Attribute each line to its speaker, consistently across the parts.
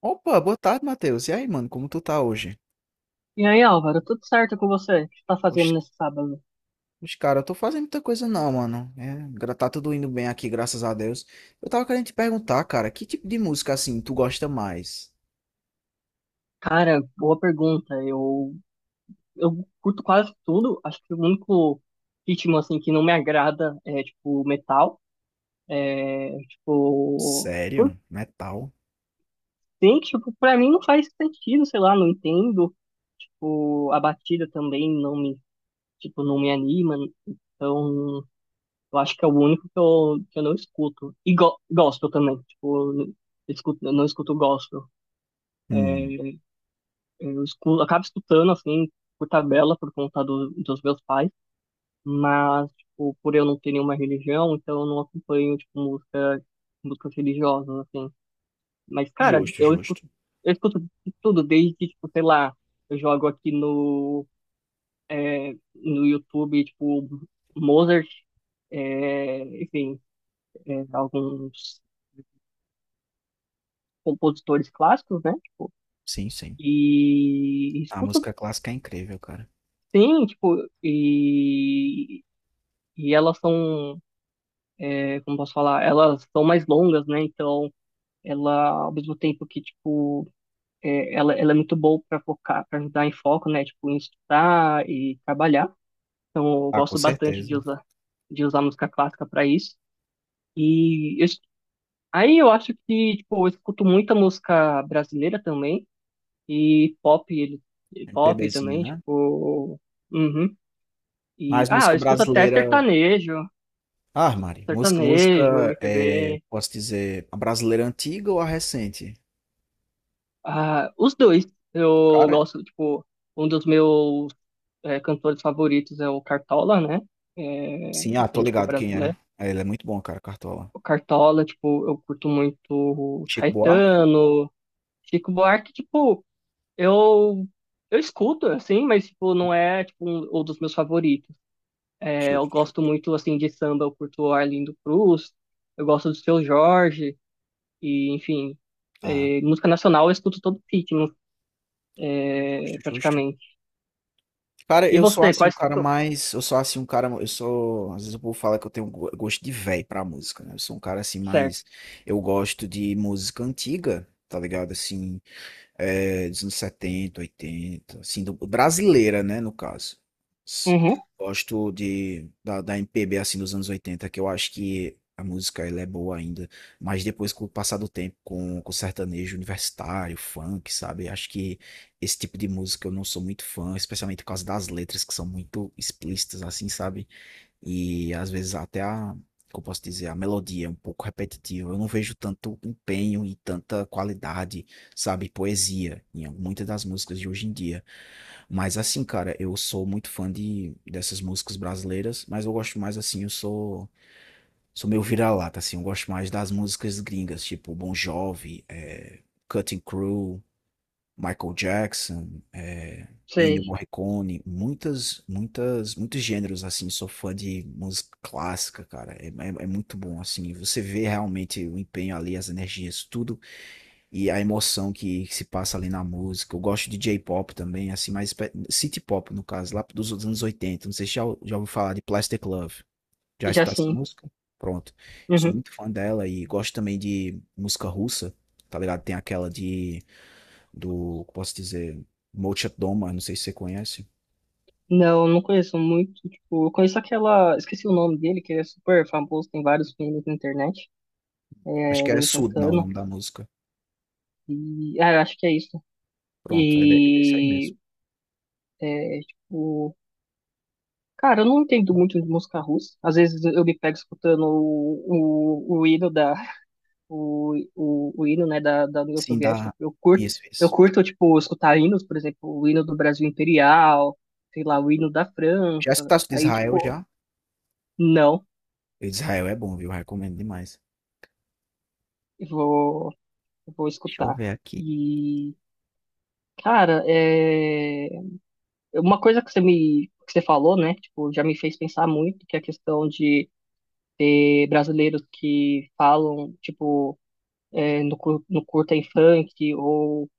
Speaker 1: Opa, boa tarde, Matheus. E aí, mano, como tu tá hoje?
Speaker 2: E aí, Álvaro, tudo certo com você? O que você tá fazendo
Speaker 1: Oxe,
Speaker 2: nesse sábado?
Speaker 1: cara, eu tô fazendo muita coisa não, mano. Tá tudo indo bem aqui, graças a Deus. Eu tava querendo te perguntar, cara, que tipo de música, assim, tu gosta mais?
Speaker 2: Cara, boa pergunta. Eu curto quase tudo. Acho que o único ritmo, assim, que não me agrada é, tipo, metal. Tipo, por
Speaker 1: Sério? Metal?
Speaker 2: tem que, tipo, pra mim não faz sentido, sei lá, não entendo. Tipo, a batida também não me, tipo, não me anima. Então, eu acho que é o único que eu não escuto. E go gospel também. Tipo, eu escuto, eu não escuto gospel.
Speaker 1: Hum,
Speaker 2: Acabo escutando, assim, por tabela, por conta dos meus pais, mas, tipo, por eu não ter nenhuma religião, então eu não acompanho, tipo, músicas religiosas, assim. Mas, cara,
Speaker 1: justo, justo.
Speaker 2: eu escuto de tudo, desde, tipo, sei lá, eu jogo aqui é, no YouTube, tipo, Mozart, é, enfim, é, alguns compositores clássicos, né? Tipo,
Speaker 1: Sim, sim.
Speaker 2: e
Speaker 1: A
Speaker 2: escuto,
Speaker 1: música clássica é incrível, cara.
Speaker 2: sim, tipo, e E elas são, é, como posso falar, elas são mais longas, né? Então, ela, ao mesmo tempo que, tipo, é, ela é muito boa para focar, para ajudar em foco, né? Tipo, em estudar e trabalhar. Então, eu
Speaker 1: Ah, com
Speaker 2: gosto bastante
Speaker 1: certeza.
Speaker 2: de usar música clássica para isso. E eu es- Aí eu acho que, tipo, eu escuto muita música brasileira também e pop, ele, e pop
Speaker 1: MPBzinho,
Speaker 2: também,
Speaker 1: né?
Speaker 2: tipo, uhum. E,
Speaker 1: Mas
Speaker 2: ah,
Speaker 1: música
Speaker 2: eu escuto até
Speaker 1: brasileira... Ah, Mari, música,
Speaker 2: sertanejo,
Speaker 1: música, é,
Speaker 2: MPB.
Speaker 1: posso dizer, a brasileira antiga ou a recente?
Speaker 2: Ah, os dois. Eu
Speaker 1: Cara,
Speaker 2: gosto, tipo, um dos meus é, cantores favoritos é o Cartola, né? É,
Speaker 1: sim, ah, tô
Speaker 2: assim, tipo,
Speaker 1: ligado quem é.
Speaker 2: brasileiro.
Speaker 1: É, ele é muito bom, cara, Cartola.
Speaker 2: O Cartola, tipo, eu curto muito
Speaker 1: Chico Buarque?
Speaker 2: Caetano, Chico Buarque, tipo, eu, eu escuto, assim, mas, tipo, não é, tipo, um dos meus favoritos. É, eu
Speaker 1: Justo.
Speaker 2: gosto muito, assim, de samba, eu curto Arlindo Cruz, eu gosto do Seu Jorge, e, enfim,
Speaker 1: Ah,
Speaker 2: é, música nacional eu escuto todo ritmo, é,
Speaker 1: justo, justo.
Speaker 2: praticamente.
Speaker 1: Cara,
Speaker 2: E
Speaker 1: eu sou
Speaker 2: você,
Speaker 1: assim um
Speaker 2: quais...
Speaker 1: cara mais. Eu sou assim um cara. Eu sou. Às vezes o povo fala que eu tenho gosto de velho pra música, né? Eu sou um cara assim
Speaker 2: Certo.
Speaker 1: mais. Eu gosto de música antiga, tá ligado? Assim, é, dos anos 70, 80, assim, brasileira, né, no caso. S-
Speaker 2: Uhum,
Speaker 1: Gosto da MPB, assim, dos anos oitenta, que eu acho que a música, ela é boa ainda, mas depois, com o passar do tempo, com sertanejo universitário, funk, sabe, acho que esse tipo de música eu não sou muito fã, especialmente por causa das letras, que são muito explícitas, assim, sabe, e às vezes até como eu posso dizer, a melodia é um pouco repetitiva. Eu não vejo tanto empenho e tanta qualidade, sabe, poesia em muitas das músicas de hoje em dia. Mas assim, cara, eu sou muito fã de dessas músicas brasileiras, mas eu gosto mais assim, eu sou meio vira-lata assim, eu gosto mais das músicas gringas, tipo Bon Jovi, Cutting Crew, Michael Jackson, é, Ennio
Speaker 2: sei.
Speaker 1: Morricone, muitas, muitas, muitos gêneros assim. Sou fã de música clássica, cara. É muito bom assim. Você vê realmente o empenho ali, as energias, tudo e a emoção que se passa ali na música. Eu gosto de J-pop também, assim, city pop no caso, lá dos anos 80. Não sei se já ouviu falar de Plastic Love. Já
Speaker 2: Já
Speaker 1: escutou essa
Speaker 2: sim.
Speaker 1: música? Pronto. Sou
Speaker 2: Uhum.
Speaker 1: muito fã dela e gosto também de música russa, tá ligado? Tem aquela posso dizer, Mochat Doma, não sei se você conhece.
Speaker 2: Não, não conheço muito. Tipo, eu conheço aquela. Esqueci o nome dele, que ele é super famoso, tem vários filmes na internet.
Speaker 1: Acho
Speaker 2: É,
Speaker 1: que é
Speaker 2: dele
Speaker 1: Sud, não, o
Speaker 2: cantando.
Speaker 1: nome da música.
Speaker 2: E. Ah, eu acho que é isso.
Speaker 1: Pronto, é desse aí
Speaker 2: E.
Speaker 1: mesmo.
Speaker 2: É, tipo. Cara, eu não entendo muito de música russa. Às vezes eu me pego escutando o hino da. O hino, né, da União
Speaker 1: Sim,
Speaker 2: Soviética.
Speaker 1: da. Isso,
Speaker 2: Eu
Speaker 1: isso.
Speaker 2: curto, tipo, escutar hinos, por exemplo, o hino do Brasil Imperial, sei lá, o hino da França.
Speaker 1: Já escutaste de
Speaker 2: Aí,
Speaker 1: Israel
Speaker 2: tipo.
Speaker 1: já?
Speaker 2: Não,
Speaker 1: E de Israel é bom, viu? Recomendo demais.
Speaker 2: eu vou, eu vou
Speaker 1: Deixa eu
Speaker 2: escutar.
Speaker 1: ver aqui.
Speaker 2: E, cara, é... uma coisa que você falou, né? Tipo, já me fez pensar muito, que é a questão de ter brasileiros que falam, tipo, é, no curta em funk, ou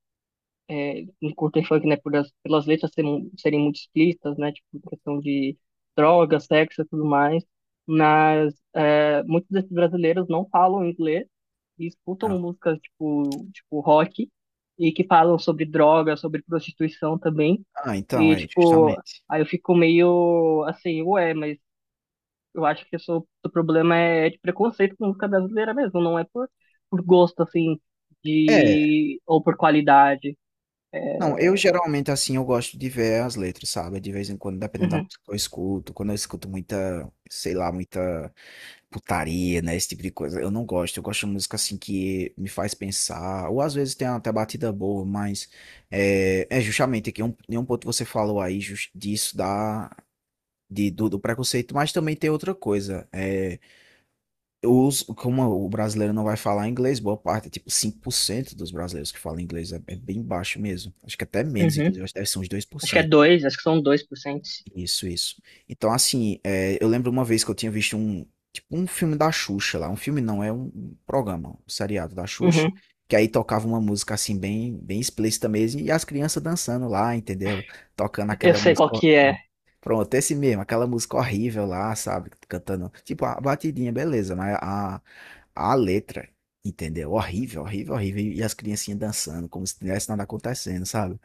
Speaker 2: no curta em funk, né? Pelas letras serem muito explícitas, né? Tipo, questão de drogas, sexo e tudo mais. Muitos desses brasileiros não falam inglês e escutam
Speaker 1: Não.
Speaker 2: músicas tipo rock e que falam sobre droga, sobre prostituição também.
Speaker 1: Ah, então,
Speaker 2: E,
Speaker 1: é,
Speaker 2: tipo,
Speaker 1: justamente.
Speaker 2: aí eu fico meio assim, ué, mas eu acho que isso, o seu problema é de preconceito com música brasileira mesmo, não é por gosto, assim,
Speaker 1: É,
Speaker 2: de, ou por qualidade.
Speaker 1: não, eu geralmente, assim, eu gosto de ver as letras, sabe? De vez em quando, dependendo da
Speaker 2: Uhum,
Speaker 1: música que eu escuto. Quando eu escuto muita, sei lá, muita putaria, né? Esse tipo de coisa. Eu não gosto. Eu gosto de música assim que me faz pensar. Ou às vezes tem até batida boa, mas é, é justamente em um ponto que você falou aí disso da. Do do preconceito, mas também tem outra coisa. É, os, como o brasileiro não vai falar inglês, boa parte, tipo 5% dos brasileiros que falam inglês é, é bem baixo mesmo. Acho que até menos,
Speaker 2: uhum.
Speaker 1: inclusive, acho que deve ser uns dois por
Speaker 2: Acho que é
Speaker 1: cento
Speaker 2: dois, acho que são 2%.
Speaker 1: Isso, isso. Então, assim, é, eu lembro uma vez que eu tinha visto tipo, um filme da Xuxa lá. Um filme não, é um programa, um seriado da Xuxa.
Speaker 2: Uhum.
Speaker 1: Que aí tocava uma música, assim, bem, bem explícita mesmo. E as crianças dançando lá, entendeu? Tocando
Speaker 2: Eu
Speaker 1: aquela
Speaker 2: sei qual
Speaker 1: música.
Speaker 2: que é.
Speaker 1: Pronto, esse mesmo, aquela música horrível lá, sabe? Cantando. Tipo, a batidinha, beleza, mas a letra, entendeu? Horrível, horrível, horrível. E as criancinhas dançando, como se tivesse nada acontecendo, sabe?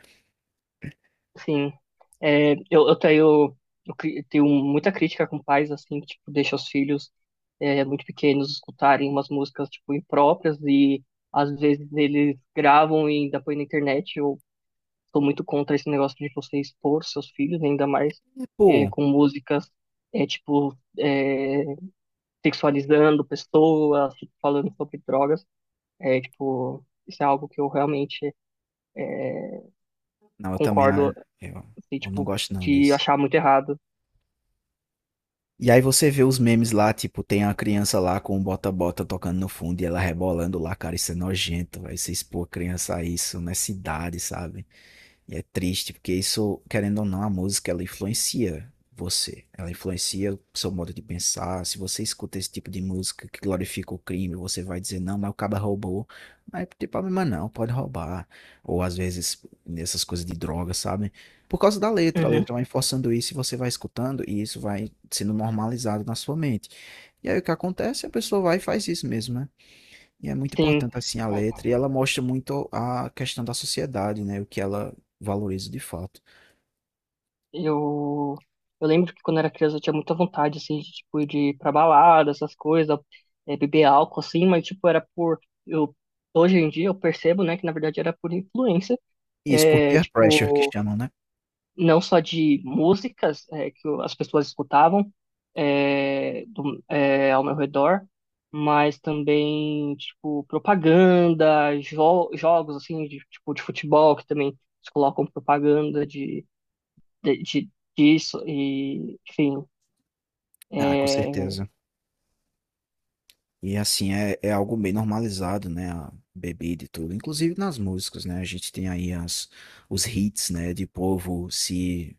Speaker 2: Sim, é, eu, tenho muita crítica com pais, assim, que, tipo, deixam os filhos é, muito pequenos escutarem umas músicas, tipo, impróprias e, às vezes, eles gravam e ainda põem na internet. Eu sou muito contra esse negócio de você expor seus filhos, ainda mais
Speaker 1: E,
Speaker 2: é,
Speaker 1: pô.
Speaker 2: com músicas, é, tipo, é, sexualizando pessoas, tipo, falando sobre drogas. É, tipo, isso é algo que eu realmente
Speaker 1: Não, eu também, ah,
Speaker 2: concordo,
Speaker 1: eu,
Speaker 2: assim,
Speaker 1: eu não
Speaker 2: tipo,
Speaker 1: gosto não
Speaker 2: de
Speaker 1: disso.
Speaker 2: achar muito errado.
Speaker 1: E aí você vê os memes lá, tipo, tem a criança lá com o bota-bota tocando no fundo e ela rebolando lá, cara, isso é nojento, vai se expor a criança a isso nessa idade, sabe? E é triste, porque isso, querendo ou não, a música ela influencia você. Ela influencia o seu modo de pensar. Se você escuta esse tipo de música que glorifica o crime, você vai dizer, não, mas o cara roubou. Mas não tem problema não, pode roubar. Ou às vezes nessas coisas de droga, sabe? Por causa da letra, a
Speaker 2: Uhum.
Speaker 1: letra vai forçando isso e você vai escutando e isso vai sendo normalizado na sua mente. E aí o que acontece? A pessoa vai e faz isso mesmo, né? E é muito
Speaker 2: Sim,
Speaker 1: importante assim a
Speaker 2: é,
Speaker 1: letra, e ela mostra muito a questão da sociedade, né, o que ela valoriza de fato.
Speaker 2: eu, eu lembro que quando era criança eu tinha muita vontade, assim, de, tipo, de ir pra balada, essas coisas, é, beber álcool, assim, mas, tipo, era por... Eu, hoje em dia eu percebo, né, que na verdade era por influência,
Speaker 1: Isso por
Speaker 2: é,
Speaker 1: peer pressure que
Speaker 2: tipo,
Speaker 1: chamam, né?
Speaker 2: não só de músicas é, as pessoas escutavam é, é, ao meu redor, mas também, tipo, propaganda, jo jogos, assim, de, tipo, de futebol, que também eles colocam propaganda de, de- disso e, enfim,
Speaker 1: Ah, com
Speaker 2: é,
Speaker 1: certeza. E assim é, é algo bem normalizado, né, a bebida e tudo, inclusive nas músicas, né? A gente tem aí as os hits, né, de povo se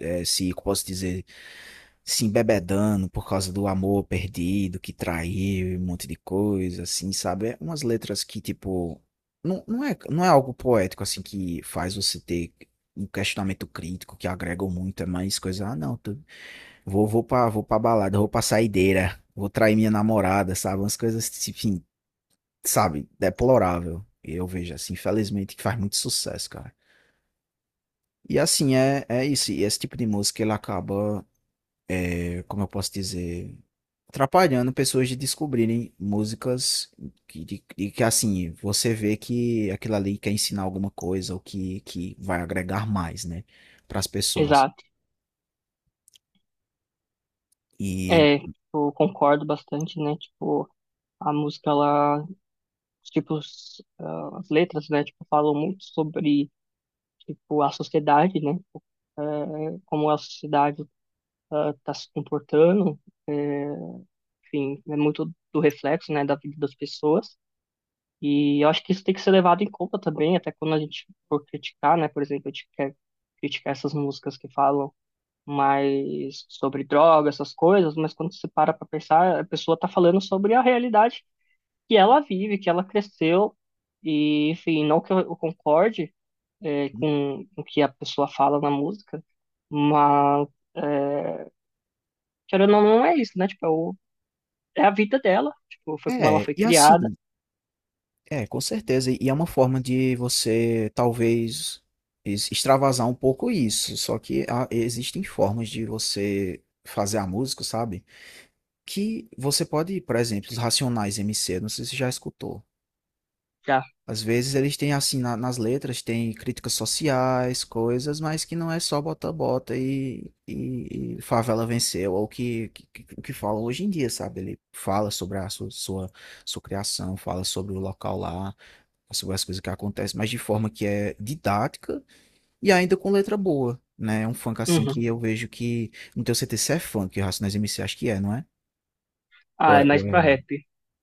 Speaker 1: é, se posso dizer, se embebedando por causa do amor perdido, que traiu e um monte de coisa, assim, sabe? É Umas letras que, tipo, não é, não é algo poético, assim, que faz você ter um questionamento crítico, que agregam muito, é mais coisa, ah, não, tô- vou, vou pra balada, vou pra saideira, vou trair minha namorada, sabe? Umas coisas, enfim, sabe? Deplorável. Eu vejo, assim, infelizmente, que faz muito sucesso, cara. E assim, é, é isso. E esse tipo de música, ele acaba, é, como eu posso dizer, atrapalhando pessoas de descobrirem músicas de que assim, você vê que aquilo ali quer ensinar alguma coisa ou que vai agregar mais, né, para as pessoas.
Speaker 2: exato.
Speaker 1: E
Speaker 2: É, tipo, eu concordo bastante, né? Tipo, a música, ela, tipo, as letras, né? Tipo, falam muito sobre, tipo, a sociedade, né? Tipo, eh, como a sociedade está se comportando, eh, enfim, é muito do reflexo, né, da vida das pessoas. E eu acho que isso tem que ser levado em conta também, até quando a gente for criticar, né? Por exemplo, a gente quer criticar essas músicas que falam mais sobre droga, essas coisas, mas quando você para para pensar, a pessoa tá falando sobre a realidade que ela vive, que ela cresceu, e enfim, não que eu concorde é, com o que a pessoa fala na música, mas é, querendo ou não, não é isso, né? Tipo, é, o- é a vida dela, tipo, foi como ela
Speaker 1: é,
Speaker 2: foi
Speaker 1: e assim,
Speaker 2: criada,
Speaker 1: é, com certeza, e é uma forma de você talvez extravasar um pouco isso, só que existem formas de você fazer a música, sabe? Que você pode, por exemplo, os Racionais MC, não sei se você já escutou.
Speaker 2: já.
Speaker 1: Às vezes eles têm assim nas letras, tem críticas sociais, coisas, mas que não é só bota bota e favela venceu, ou o o que falam hoje em dia, sabe? Ele fala sobre a sua criação, fala sobre o local lá, sobre as coisas que acontecem, mas de forma que é didática e ainda com letra boa, né? É um funk assim
Speaker 2: Uhum.
Speaker 1: que eu vejo que. Não tenho certeza se é funk, o Racionais MC acho que é, não é? Ou
Speaker 2: Ah, é
Speaker 1: é, ou
Speaker 2: mais pra
Speaker 1: é
Speaker 2: rap.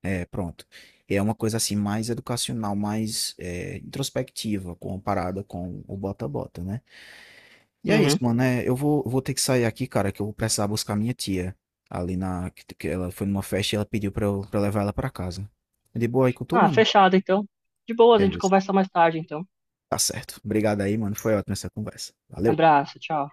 Speaker 1: é, pronto. É uma coisa assim mais educacional, mais é, introspectiva, comparada com o bota-bota, né? E é
Speaker 2: Uhum.
Speaker 1: isso, mano. É, eu vou, vou ter que sair aqui, cara, que eu vou precisar buscar minha tia. Ali na. Que ela foi numa festa e ela pediu pra eu levar ela pra casa. De boa aí com tu,
Speaker 2: Ah,
Speaker 1: mano?
Speaker 2: fechado então. De boa, a gente
Speaker 1: Beleza.
Speaker 2: conversa mais tarde então.
Speaker 1: Tá certo. Obrigado aí, mano. Foi ótima essa conversa. Valeu.
Speaker 2: Abraço, tchau.